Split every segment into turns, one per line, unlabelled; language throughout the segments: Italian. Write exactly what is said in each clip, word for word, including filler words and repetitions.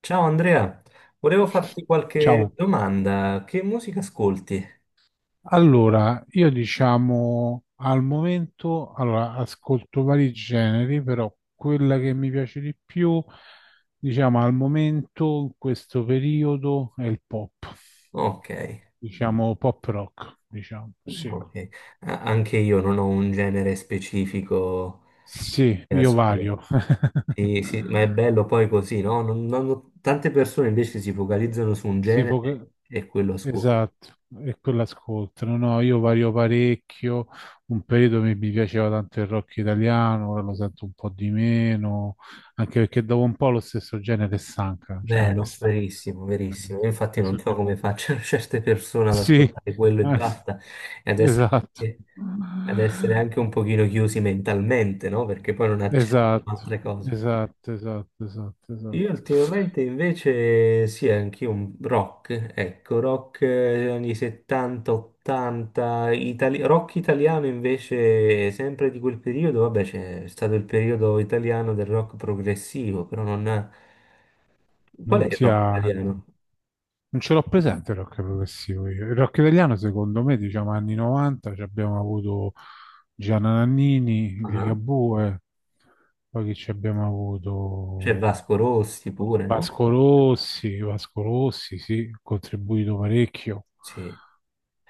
Ciao Andrea, volevo farti qualche
Ciao,
domanda. Che musica ascolti?
allora io diciamo al momento, allora, ascolto vari generi, però quella che mi piace di più, diciamo al momento, in questo periodo, è il pop,
Ok,
diciamo pop rock, diciamo, sì,
ok. A- Anche io non ho un genere specifico
sì,
che
io
ascolto.
vario.
Sì, sì, ma è bello poi così, no? Non- non- tante persone invece si focalizzano su un
Sì, poca-
genere e quello ascolto.
esatto, e quello ascoltano. No, io vario parecchio. Un periodo mi, mi piaceva tanto il rock italiano, ora lo sento un po' di meno, anche perché dopo un po' lo stesso genere stanca, cioè a me
Vero,
stanca.
verissimo, verissimo. Io
Sinceramente.
Infatti non
Stesso
so
genere.
come facciano certe persone ad
Sì,
ascoltare quello e
anzi,
basta, e ad essere,
esatto.
anche, ad essere anche un pochino chiusi mentalmente, no? Perché poi non accettano
Esatto,
altre cose.
esatto, esatto, esatto,
Io
esatto.
ultimamente invece sì, anche un rock, ecco, rock eh, anni settanta ottanta, itali- rock italiano invece sempre di quel periodo, vabbè c'è stato il periodo italiano del rock progressivo, però non... Qual
Non
è il
ti
rock
ha.
italiano?
Non ce l'ho presente il rock progressivo io. Il rock italiano, secondo me, diciamo anni novanta, ci abbiamo avuto Gianna Nannini,
Ah,
Ligabue, poi che ci abbiamo
C'è
avuto
Vasco Rossi pure, no?
Vasco Rossi, Vasco Rossi, sì, ha contribuito parecchio.
Sì,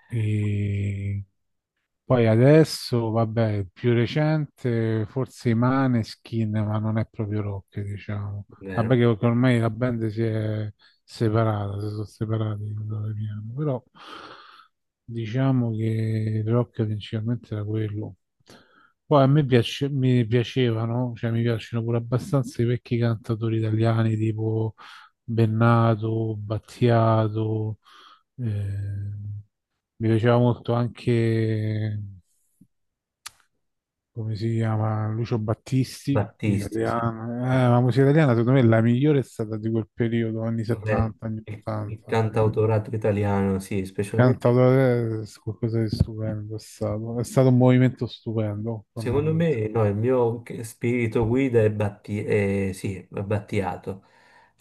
E poi adesso, vabbè, più recente, forse i Maneskin, ma non è proprio rock, diciamo. Vabbè,
vero,
che che ormai la band si è separata, si sono separati, quello che piano. Però diciamo che il rock principalmente era quello. Poi a me piace- mi piacevano, cioè mi piacciono pure abbastanza i vecchi cantatori italiani tipo Bennato, Battiato, eh, mi piaceva molto anche come si chiama? Lucio Battisti,
Battisti, sì.
italiano. Eh,
sì.
la musica italiana secondo me è la migliore è stata di quel periodo, anni
Vabbè,
settanta, anni
Il, il
ottanta.
cantautorato italiano, sì, specialmente.
Cantautore è qualcosa di stupendo, è stato, è stato un movimento stupendo,
Secondo
tornando in te.
me, no, il mio che- spirito guida è, Batti- eh, sì, è Battiato,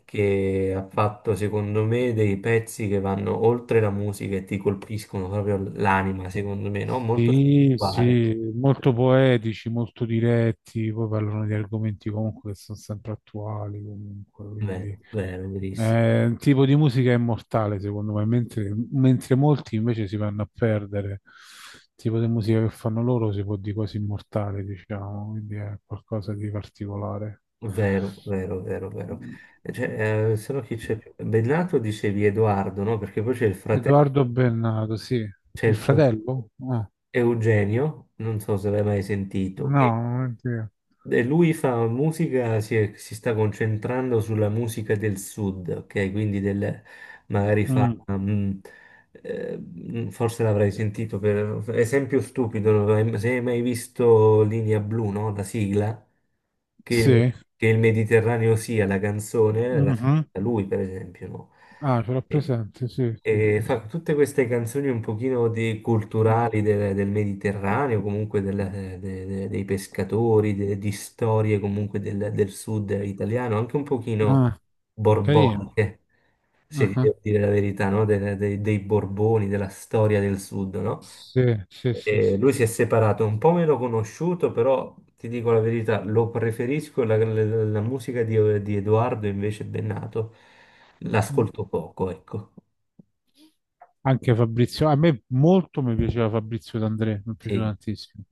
che ha fatto, secondo me, dei pezzi che vanno oltre la musica e ti colpiscono proprio l'anima, secondo me, no? Molto
Sì,
spirituale.
sì, molto poetici, molto diretti, poi parlano di argomenti comunque che sono sempre attuali, comunque,
Vero,
quindi.
vero, verissimo.
È un tipo di musica immortale, secondo me, mentre, mentre molti invece si vanno a perdere. Il tipo di musica che fanno loro si può dire quasi immortale, diciamo, quindi è qualcosa di particolare.
Vero, vero, vero, vero. Cioè, eh, se no chi c'è più? Bennato dicevi Edoardo, no? Perché poi c'è il fratello,
Edoardo Bennato, sì.
c'è
Il
il fratello
fratello? Ah,
Eugenio, non so se l'hai mai sentito.
no, oddio.
E lui fa musica, si, è- si sta concentrando sulla musica del sud, ok? Quindi del, magari fa,
Mm,
mm, eh, mm, forse l'avrai sentito per esempio stupido, non l'hai- se hai mai visto Linea Blu, no? La sigla, che il,
sì.
che il Mediterraneo sia la canzone, la
Mhm.
scritta lui per esempio, no?
Ah, ce l'ho
E,
presente, sì, sì,
e
sì. Sì.
fa tutte queste canzoni un pochino de-
Mm.
culturali del, del Mediterraneo, comunque del- de- de- dei pescatori, de- di storie comunque del, del sud italiano, anche un pochino
Ah, carino.
borboniche, se
Ah,
ti
ah.
devo dire la verità, no? De- de- dei Borboni, della storia del sud, no?
Sì, sì, sì,
E
sì,
lui si
sì.
è separato, un po' meno conosciuto, però ti dico la verità, lo preferisco, la, la- la musica di, di Edoardo invece Bennato,
Mm.
l'ascolto poco, ecco.
Anche Fabrizio, a me molto mi piaceva Fabrizio D'André, mi piaceva
Sì,
tantissimo.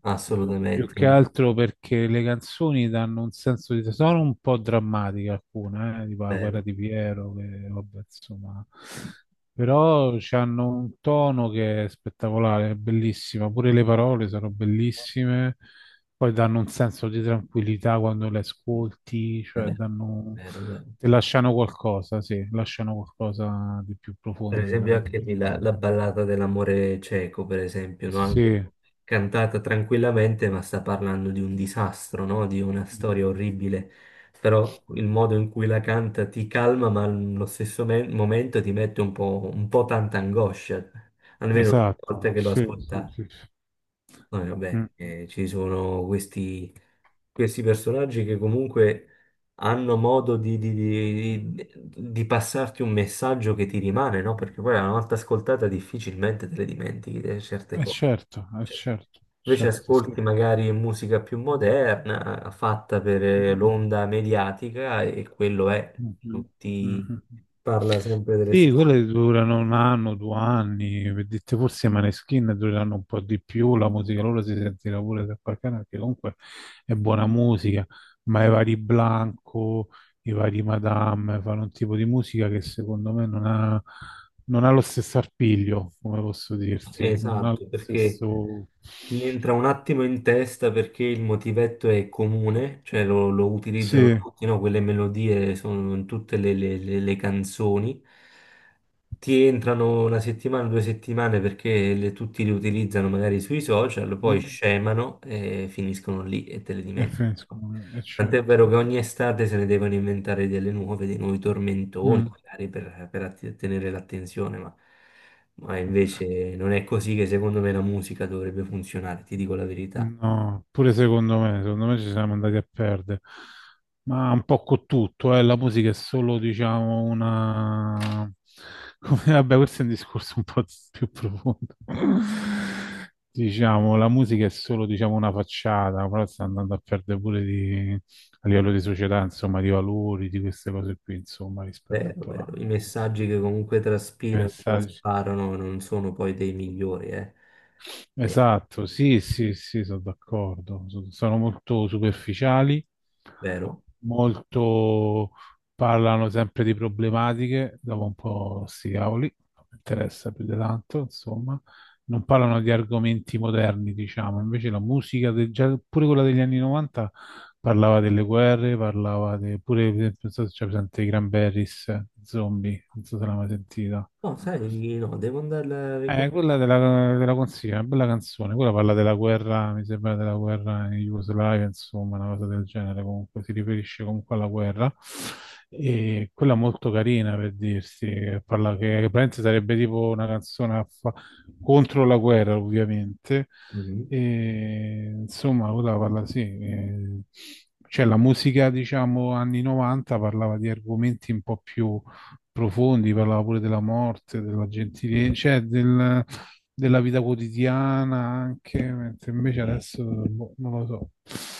Più che
assolutamente,
altro perché le canzoni danno un senso di... sono un po' drammatiche alcune, eh, tipo La guerra
vero,
di Piero, che vabbè, insomma... Però hanno un tono che è spettacolare, è bellissima, pure le parole sono bellissime, poi danno un senso di tranquillità quando le ascolti, cioè
vero,
danno...
vero, vero.
ti lasciano qualcosa, sì, lasciano qualcosa di più
Per
profondo di una
esempio
semplice...
anche lì la, la ballata dell'amore cieco, per esempio, no? Anche
Sì,
cantata tranquillamente, ma sta parlando di un disastro, no? Di una storia orribile, però il modo in cui la canta ti calma, ma allo stesso me- momento ti mette un po', un po' tanta angoscia, almeno una
esatto,
volta che lo
sì, sì,
ascolta.
sì. Sì.
No, e
Mm.
vabbè, eh, ci sono questi, questi personaggi che comunque hanno modo di, di- di- di passarti un messaggio che ti rimane, no? Perché poi una volta ascoltata difficilmente te le dimentichi eh, certe
Eh,
cose.
certo, eh,
Cioè,
certo,
invece
certo, sì.
ascolti magari musica più moderna, fatta per eh, l'onda mediatica e quello è, non
Mhm,
ti
mhm.
parla sempre delle
Sì,
stesse cose.
quelle durano un anno, due anni, per dirti forse i Maneskin durano un po' di più, la musica loro si sentirà pure da qualche anno, perché comunque è buona musica, ma i vari Blanco, i vari Madame fanno un tipo di musica che secondo me non ha, non ha lo stesso arpiglio, come posso dirti, non ha lo
Esatto, perché...
stesso...
Ti entra un attimo in testa perché il motivetto è comune, cioè lo, lo utilizzano
Sì,
tutti, no? Quelle melodie sono in tutte le, le- le- le canzoni, ti entrano una settimana, due settimane perché le- tutti li utilizzano magari sui social, poi
mm,
scemano e finiscono lì e te le
è
dimentichi.
Friendsgiving, è
Tant'è
certo.
vero che ogni estate se ne devono inventare delle nuove, dei nuovi tormentoni,
Mm.
magari per, per att- tenere l'attenzione, ma, ma invece non è così che secondo me la musica dovrebbe funzionare, ti dico la verità.
No, pure secondo me, secondo me ci siamo andati a perdere, ma un po' con tutto, eh, la musica è solo, diciamo, una... come- vabbè, questo è un discorso un po' più profondo. Diciamo, la musica è solo, diciamo, una facciata, però sta andando a perdere pure di... a livello di società, insomma, di valori, di queste cose qui, insomma, rispetto
Vero,
a...
vero. I messaggi che comunque
ai
traspirano,
messaggi.
trasparano, non sono poi dei migliori, eh. È
Esatto, sì, sì, sì, sono d'accordo. So- Sono molto superficiali,
vero.
molto parlano sempre di problematiche, dopo un po' sti cavoli, non mi interessa più di tanto, insomma. Non parlano di argomenti moderni, diciamo. Invece la musica, del- già pure quella degli anni novanta, parlava delle guerre, parlava de- pure, per esempio, non so se c'è presente i Cranberries, Zombie, non so se l'hai mai sentita.
No, sai, di no, devo andarla a
Eh, quella
recuperare.
della, della consiglio, una bella canzone. Quella parla della guerra, mi sembra della guerra in Jugoslavia, insomma, una cosa del genere. Comunque si riferisce comunque alla guerra. E quella molto carina per dirsi, che parla che, che praticamente sarebbe tipo una canzone a fa- contro la guerra, ovviamente.
Mhm.
E, insomma, quella parla sì. eh, cioè la musica, diciamo, anni novanta parlava di argomenti un po' più profondi, parlava pure della morte, della gentilezza, cioè del- della vita quotidiana anche, mentre invece adesso boh, non lo so.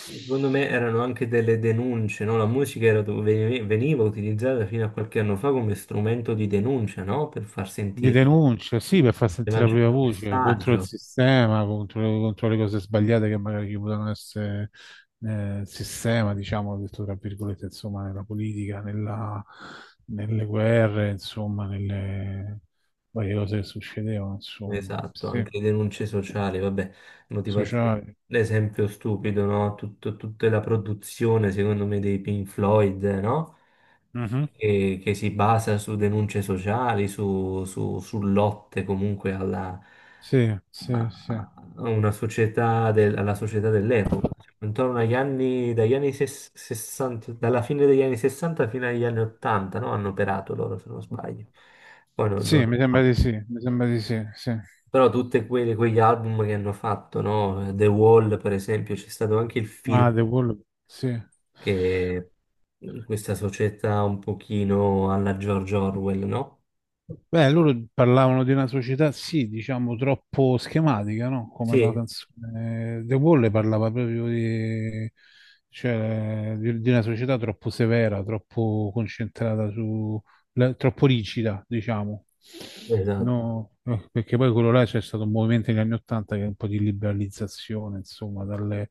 Secondo me erano anche delle denunce, no? La musica era dove veni- veniva utilizzata fino a qualche anno fa come strumento di denuncia, no? Per far
Di
sentire,
denuncia, sì, per far
per
sentire la
lanciare
propria
un
voce contro il
messaggio.
sistema, contro, contro le cose sbagliate che magari ci potevano essere nel sistema, diciamo, detto tra virgolette, insomma, nella politica, nella- nelle guerre, insomma, nelle varie cose che succedevano, insomma,
Esatto,
sì,
anche le denunce sociali, vabbè, motivazione.
sociali.
L'esempio stupido, no? Tutto- tutta la produzione, secondo me, dei Pink Floyd, no? Che, che si basa su denunce sociali, su, su- su lotte comunque alla,
Sì, sì, sì.
a a una società del- alla società dell'epoca. Cioè, intorno agli anni, dagli anni ses- sessanta, dalla fine degli anni sessanta fino agli anni ottanta, no? Hanno operato loro, se non sbaglio. Poi non, non...
Sì, mi sembra di sì, mi sembra di sì, sì.
Però tutti quegli album che hanno fatto, no? The Wall, per esempio, c'è stato anche il film
Ah, The Wall, sì.
che in questa società un pochino alla George Orwell, no?
Beh, loro parlavano di una società, sì, diciamo, troppo schematica, no? Come la
Sì,
canzone The Wall parlava proprio di, cioè, di, di una società troppo severa, troppo concentrata su, la- troppo rigida, diciamo.
esatto,
No, eh, perché poi quello là c'è stato un movimento negli anni Ottanta che è un po' di liberalizzazione, insomma, dalle,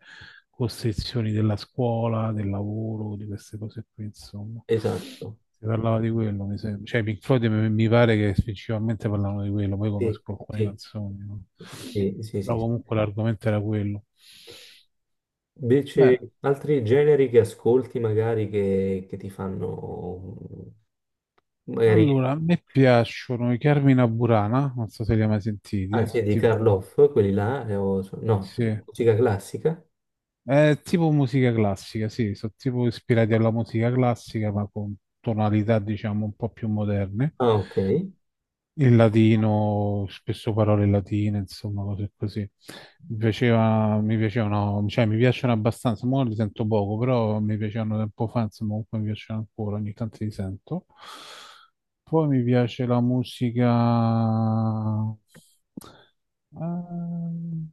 costrizioni della scuola, del lavoro, di queste cose qui, insomma.
esatto.
Si parlava di quello, mi sembra. Cioè, i Pink Floyd mi mi pare che principalmente parlavano di quello, poi
Sì,
conosco alcune
sì,
canzoni, no?
sì, sì, sì,
Però
sì.
comunque l'argomento era quello.
Invece,
Beh,
altri generi che ascolti magari che, che ti fanno, mm, magari,
allora, a me piacciono i Carmina Burana, non so se li hai mai sentiti,
anzi, di
tipo,
Karloff, quelli là, eh, o- so, no, so,
sì.
musica classica.
È tipo musica classica, sì, sono tipo ispirati alla musica classica, ma con tonalità, diciamo, un po' più moderne.
Ah, ok.
Il latino, spesso parole latine, insomma, cose così. Mi piaceva, mi piacevano, cioè mi piacciono abbastanza, ora li sento poco, però mi piacevano tempo fa, insomma, comunque mi piacciono ancora, ogni tanto li sento. Poi mi piace la musica... ehm,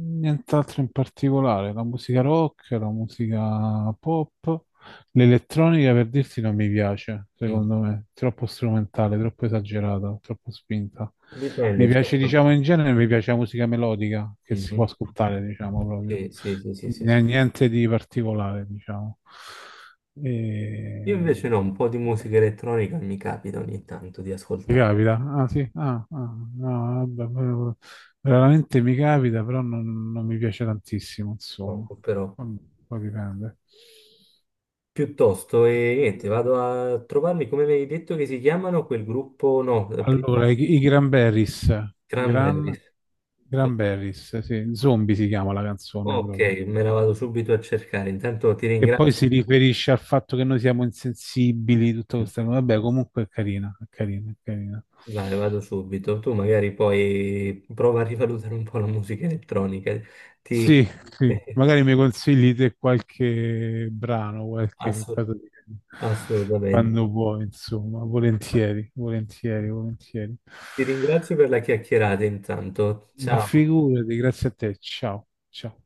nient'altro in particolare, la musica rock, la musica pop, l'elettronica per dirti non mi piace,
Mm.
secondo me, troppo strumentale, troppo esagerata, troppo spinta. Mi
Dipende,
piace,
certo.
diciamo, in genere mi piace la musica melodica che si può
Mhm.
ascoltare, diciamo, proprio.
Sì, sì, sì, sì, sì, sì.
N- Niente di particolare, diciamo.
Io invece
E...
no, un po' di musica elettronica mi capita ogni tanto di
Ti
ascoltare,
capita? Ah sì, ah, ah, no, vabbè, però- veramente mi capita, però non, non mi piace tantissimo, insomma.
poco però.
Vabbè, poi dipende.
Piuttosto, e niente, vado a trovarmi, come mi hai detto che si chiamano quel gruppo, no, eh, prima
Allora, i, i Cranberries, Gran,
Cranberries.
Cranberries, sì, Zombie si chiama la canzone
Ok,
proprio.
me la vado subito a cercare, intanto ti
Che poi
ringrazio.
si riferisce al fatto che noi siamo insensibili, tutto
Mm,
questo. Vabbè, comunque è carina, è carina, è carina.
vai, vado subito, tu magari poi prova a rivalutare un po' la musica elettronica, ti...
Sì, sì, magari mi consigli te qualche brano, qualche
Assu-
cosa di...
assolutamente.
quando vuoi, insomma, volentieri, volentieri, volentieri.
Ti ringrazio per la chiacchierata intanto.
Ma
Ciao.
figurati, grazie a te, ciao, ciao.